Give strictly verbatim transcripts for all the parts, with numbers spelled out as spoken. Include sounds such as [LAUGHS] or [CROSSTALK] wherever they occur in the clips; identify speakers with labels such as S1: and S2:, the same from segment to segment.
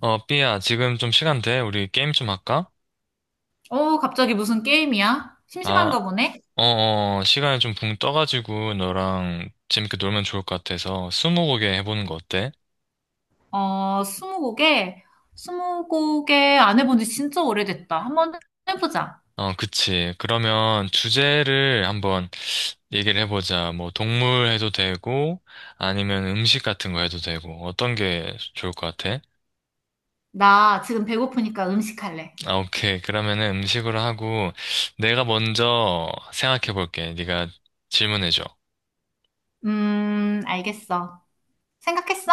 S1: 어, 삐야, 지금 좀 시간 돼? 우리 게임 좀 할까?
S2: 어, 갑자기 무슨 게임이야?
S1: 아,
S2: 심심한가 보네?
S1: 어, 어, 시간이 좀 붕 떠가지고 너랑 재밌게 놀면 좋을 것 같아서 스무고개 해보는 거 어때?
S2: 어, 스무고개? 스무고개 안 해본 지 진짜 오래됐다. 한번 해보자.
S1: 어, 그치. 그러면 주제를 한번 얘기를 해보자. 뭐, 동물 해도 되고, 아니면 음식 같은 거 해도 되고, 어떤 게 좋을 것 같아?
S2: 나 지금 배고프니까 음식 할래.
S1: 아, 오케이. 그러면은 음식으로 하고, 내가 먼저 생각해볼게. 네가 질문해줘.
S2: 음, 알겠어. 생각했어?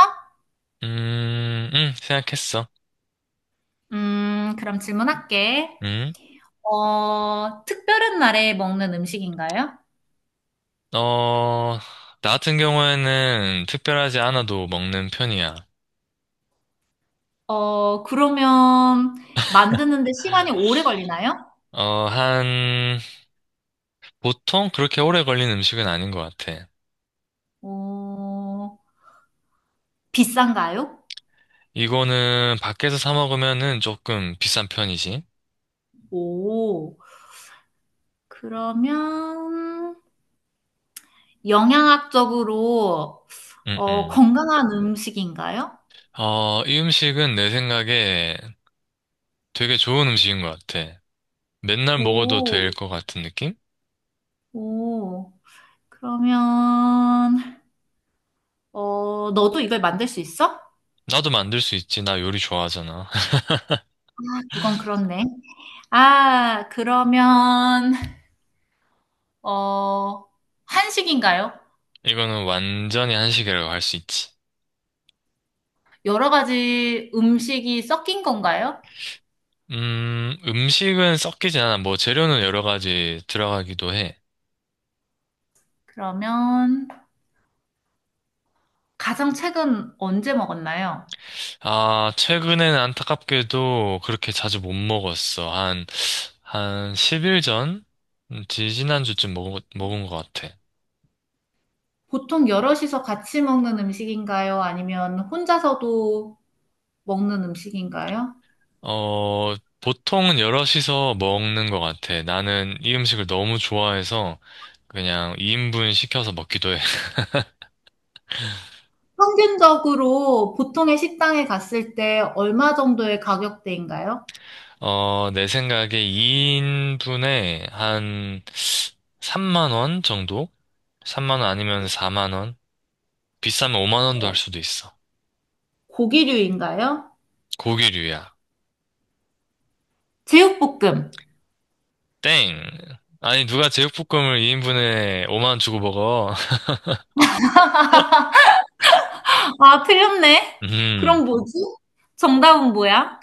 S1: 음, 음, 생각했어.
S2: 음, 그럼 질문할게.
S1: 음.
S2: 어, 특별한 날에 먹는 음식인가요?
S1: 어, 나 같은 경우에는 특별하지 않아도 먹는 편이야.
S2: 어, 그러면 만드는데 시간이 오래 걸리나요?
S1: 어, 한, 보통 그렇게 오래 걸린 음식은 아닌 것 같아.
S2: 어, 비싼가요?
S1: 이거는 밖에서 사 먹으면은 조금 비싼 편이지.
S2: 오, 그러면 영양학적으로
S1: 응,
S2: 어,
S1: 응.
S2: 건강한 음식인가요?
S1: 어, 이 음식은 내 생각에 되게 좋은 음식인 것 같아. 맨날 먹어도 될
S2: 오,
S1: 것 같은 느낌?
S2: 오. 그러면 어, 너도 이걸 만들 수 있어?
S1: 나도 만들 수 있지. 나 요리 좋아하잖아. [LAUGHS]
S2: 그건 그렇네. 아, 그러면 어, 한식인가요?
S1: 이거는 완전히 한식이라고 할 수 있지.
S2: 여러 가지 음식이 섞인 건가요?
S1: 음, 음식은 섞이지 않아. 뭐 재료는 여러 가지 들어가기도 해.
S2: 그러면 가장 최근 언제 먹었나요?
S1: 아, 최근에는 안타깝게도 그렇게 자주 못 먹었어. 한, 한 십 일 전? 음, 지지난주쯤 먹, 먹은 것 같아.
S2: 보통 여럿이서 같이 먹는 음식인가요? 아니면 혼자서도 먹는 음식인가요?
S1: 어, 보통은 여럿이서 먹는 것 같아. 나는 이 음식을 너무 좋아해서 그냥 이 인분 시켜서 먹기도 해.
S2: 평균적으로 보통의 식당에 갔을 때 얼마 정도의 가격대인가요?
S1: [LAUGHS] 어, 내 생각에 이 인분에 한 삼만 원 정도? 삼만 원 아니면 사만 원? 비싸면 오만 원도 할 수도 있어.
S2: 고기류인가요?
S1: 고기류야.
S2: 제육볶음.
S1: 땡. 아니, 누가 제육볶음을 이 인분에 오만 원 주고 먹어?
S2: 아, 틀렸네.
S1: [LAUGHS] 음,
S2: 그럼 뭐지? 정답은 뭐야?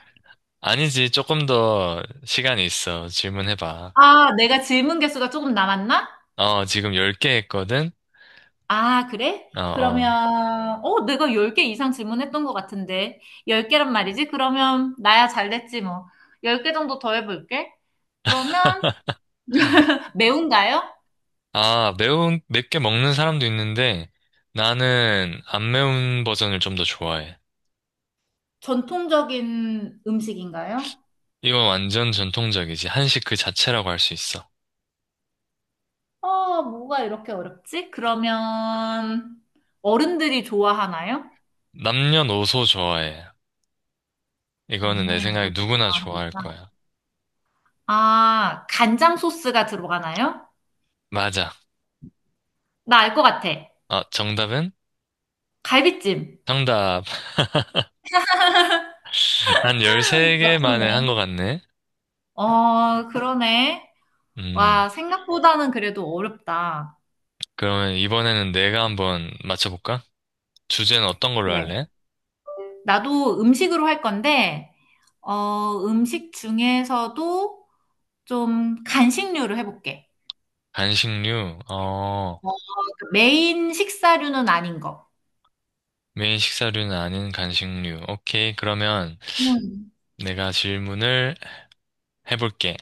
S1: 아니지. 조금 더 시간이 있어. 질문해봐.
S2: 아, 내가 질문 개수가 조금 남았나?
S1: 어, 지금 열 개 했거든?
S2: 아, 그래?
S1: 어, 어.
S2: 그러면, 어, 내가 열 개 이상 질문했던 것 같은데. 열 개란 말이지? 그러면, 나야 잘 됐지, 뭐. 열 개 정도 더 해볼게. 그러면, 매운가요?
S1: 아, 매운, 맵게 먹는 사람도 있는데, 나는 안 매운 버전을 좀 더 좋아해.
S2: 전통적인 음식인가요?
S1: 이건 완전 전통적이지. 한식 그 자체라고 할 수 있어.
S2: 어, 뭐가 이렇게 어렵지? 그러면 어른들이 좋아하나요?
S1: 남녀노소 좋아해. 이거는 내 생각에
S2: 남녀노소.
S1: 누구나 좋아할 거야.
S2: 아, 간장 소스가 들어가나요?
S1: 맞아.
S2: 나 알 것 같아.
S1: 아, 정답은?
S2: 갈비찜.
S1: 정답. [LAUGHS] 한 열세 개 만에 한
S2: 맞췄네.
S1: 것 같네.
S2: 어, 그러네. 와,
S1: 음,
S2: 생각보다는 그래도 어렵다.
S1: 그러면 이번에는 내가 한번 맞춰볼까? 주제는 어떤 걸로
S2: 그래.
S1: 할래?
S2: 나도 음식으로 할 건데, 어, 음식 중에서도 좀 간식류를 해볼게.
S1: 간식류, 어,
S2: 그러니까 메인 식사류는 아닌 거.
S1: 메인 식사류는 아닌 간식류. 오케이, 그러면
S2: 음.
S1: 내가 질문을 해볼게.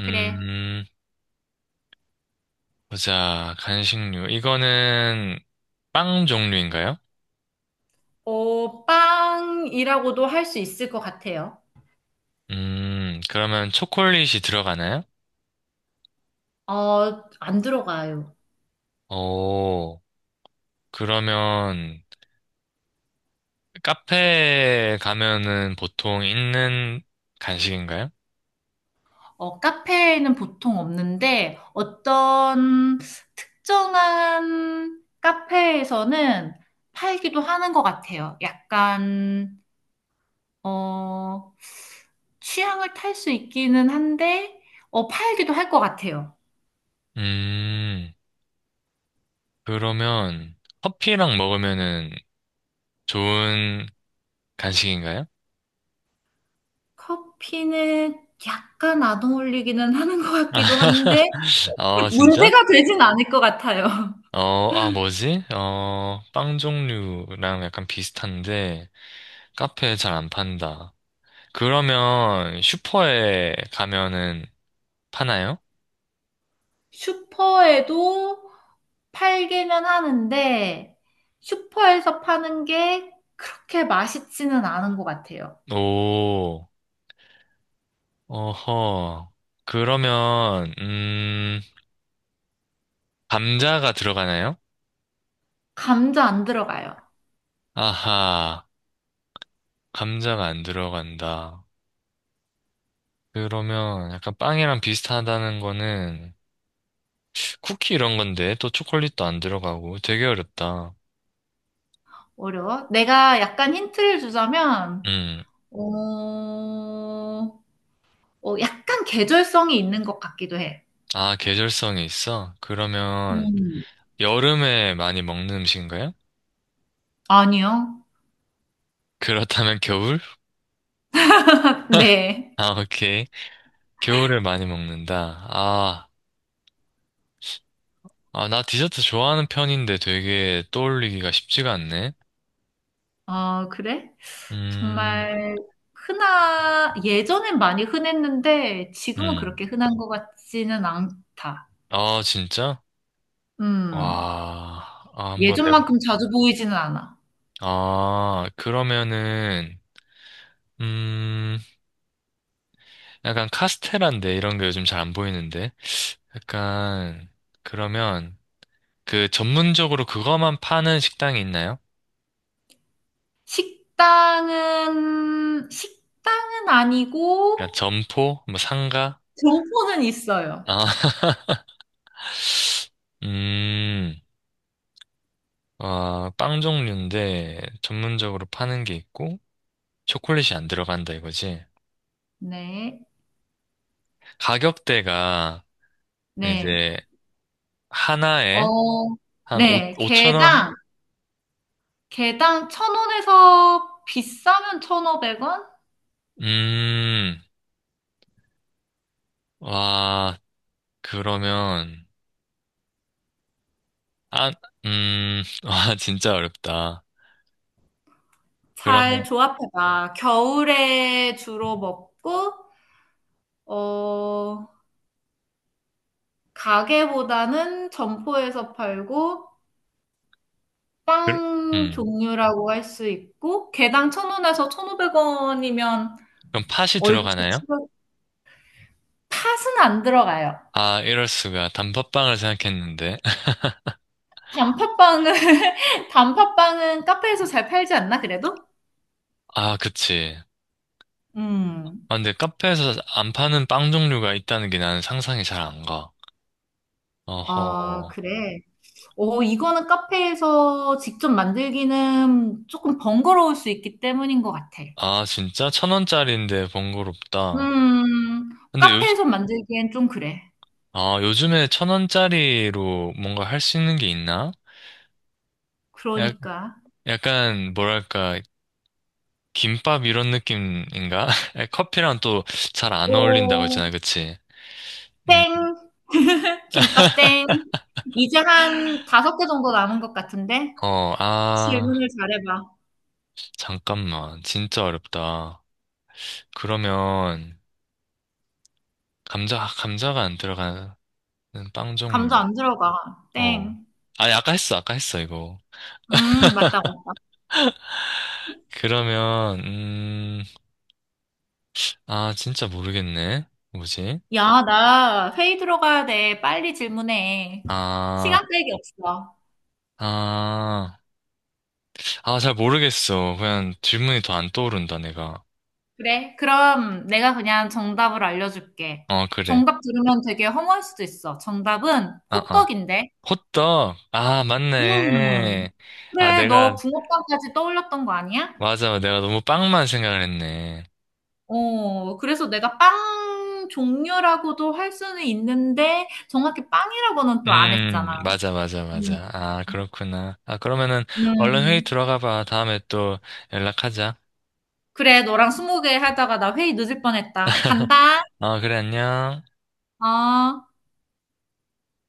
S2: 그래.
S1: 보자, 간식류. 이거는 빵 종류인가요?
S2: 어, 빵이라고도 할 수 있을 것 같아요.
S1: 음, 그러면 초콜릿이 들어가나요?
S2: 어, 안 들어가요.
S1: 오, 그러면 카페에 가면은 보통 있는 간식인가요?
S2: 어, 카페에는 보통 없는데 어떤 특정한 카페에서는 팔기도 하는 것 같아요. 약간, 어, 취향을 탈 수 있기는 한데, 어, 팔기도 할 것 같아요.
S1: 음, 그러면 커피랑 먹으면은 좋은 간식인가요?
S2: 커피는 약간 안 어울리기는 하는 것 같기도 한데,
S1: [LAUGHS] 아, 진짜?
S2: 문제가 되진 않을 것 같아요.
S1: 어, 아, 뭐지? 어, 빵 종류랑 약간 비슷한데 카페에 잘 안 판다. 그러면 슈퍼에 가면은 파나요?
S2: 슈퍼에도 팔기는 하는데, 슈퍼에서 파는 게 그렇게 맛있지는 않은 것 같아요.
S1: 오, 어허. 그러면, 음, 감자가 들어가나요?
S2: 감자 안 들어가요.
S1: 아하, 감자가 안 들어간다. 그러면 약간 빵이랑 비슷하다는 거는 쿠키 이런 건데 또 초콜릿도 안 들어가고 되게 어렵다.
S2: 어려워. 내가 약간 힌트를 주자면,
S1: 음.
S2: 어, 어, 약간 계절성이 있는 것 같기도 해.
S1: 아, 계절성이 있어? 그러면
S2: 음.
S1: 여름에 많이 먹는 음식인가요? [LAUGHS]
S2: 아니요.
S1: 그렇다면 겨울?
S2: 네.
S1: 아, 오케이. 겨울에 많이 먹는다. 아, 아, 나 디저트 좋아하는 편인데 되게 떠올리기가 쉽지가 않네.
S2: 어, 그래?
S1: 음,
S2: 정말 흔하, 예전엔 많이 흔했는데, 지금은
S1: 음.
S2: 그렇게 흔한 것 같지는 않다.
S1: 아, 진짜?
S2: 음.
S1: 와, 아, 한번 내가.
S2: 예전만큼 자주 보이지는 않아.
S1: 아, 그러면은, 음, 약간 카스테라인데 이런 게 요즘 잘 안 보이는데 약간 그러면 그 전문적으로 그거만 파는 식당이 있나요?
S2: 식당은, 식당은
S1: 그러니까
S2: 아니고,
S1: 점포, 뭐 상가,
S2: 점포는 있어요.
S1: 아, [LAUGHS] 음, 어, 빵 종류인데 전문적으로 파는 게 있고 초콜릿이 안 들어간다 이거지.
S2: 네,
S1: 가격대가
S2: 네.
S1: 이제 하나에
S2: 어,
S1: 한 오,
S2: 네.
S1: 오천 원,
S2: 개당, 개당 천 원에서 비싸면 천오백 원?
S1: 음, 와, 그러면 아, 음, [LAUGHS] 와 진짜 어렵다.
S2: 잘 조합해봐. 겨울에 주로 먹고, 어, 가게보다는 점포에서 팔고,
S1: 그
S2: 빵
S1: 음.
S2: 종류라고 할 수 있고, 개당 천원에서천오백원이면
S1: 그럼 팥이
S2: 얼추
S1: 들어가나요?
S2: 치고 팥은 안 들어가요.
S1: 아, 이럴 수가. 단팥빵을 생각했는데. [LAUGHS]
S2: 단팥빵은 [LAUGHS] 단팥빵은 카페에서 잘 팔지 않나 그래도?
S1: 아, 그치.
S2: 음.
S1: 아, 근데 카페에서 안 파는 빵 종류가 있다는 게 나는 상상이 잘 안 가.
S2: 아,
S1: 어허.
S2: 그래. 어, 이거는 카페에서 직접 만들기는 조금 번거로울 수 있기 때문인 것 같아.
S1: 아, 진짜? 천 원짜리인데 번거롭다.
S2: 음,
S1: 근데 요,
S2: 카페에서 만들기엔 좀 그래.
S1: 아, 요즘에 천 원짜리로 뭔가 할 수 있는 게 있나? 약,
S2: 그러니까.
S1: 약간, 뭐랄까, 김밥 이런 느낌인가? [LAUGHS] 커피랑 또 잘 안 어울린다고
S2: 오,
S1: 했잖아, 그치? 음,
S2: 땡. 김밥 땡. 이제 한 다섯 개 정도 남은 것 같은데?
S1: 어, 아.
S2: 질문을 잘해봐.
S1: 잠깐만, 진짜 어렵다. 그러면 감자 감자가 안 들어가는 빵
S2: 감
S1: 종류.
S2: 자 안 들어가.
S1: 어.
S2: 땡.
S1: 아니 아까 했어, 아까 했어 이거.
S2: 음, 맞다.
S1: 그러면 음, 아 진짜 모르겠네. 뭐지?
S2: 야, 나 회의 들어가야 돼. 빨리 질문해. 시간
S1: 아,
S2: 끌기 없어.
S1: 아, 아 잘 모르겠어. 그냥 질문이 더 안 떠오른다 내가.
S2: 그래? 그럼 내가 그냥 정답을 알려줄게.
S1: 어 그래.
S2: 정답 들으면 되게 허무할 수도 있어. 정답은
S1: 아, 아.
S2: 호떡인데.
S1: 호떡. 아
S2: 음,
S1: 맞네. 아
S2: 그래. 너
S1: 내가
S2: 붕어빵까지 떠올렸던 거 아니야?
S1: 맞아, 내가 너무 빵만 생각을 했네.
S2: 어, 그래서 내가 빵 종류라고도 할 수는 있는데, 정확히 빵이라고는 또 안 했잖아.
S1: 음, 맞아, 맞아,
S2: 음,
S1: 맞아. 아, 그렇구나. 아, 그러면은 얼른 회의
S2: 음.
S1: 들어가 봐. 다음에 또 연락하자.
S2: 그래, 너랑 스무 개 하다가 나 회의 늦을 뻔했다. 간다.
S1: 아, 그래, 안녕.
S2: 아,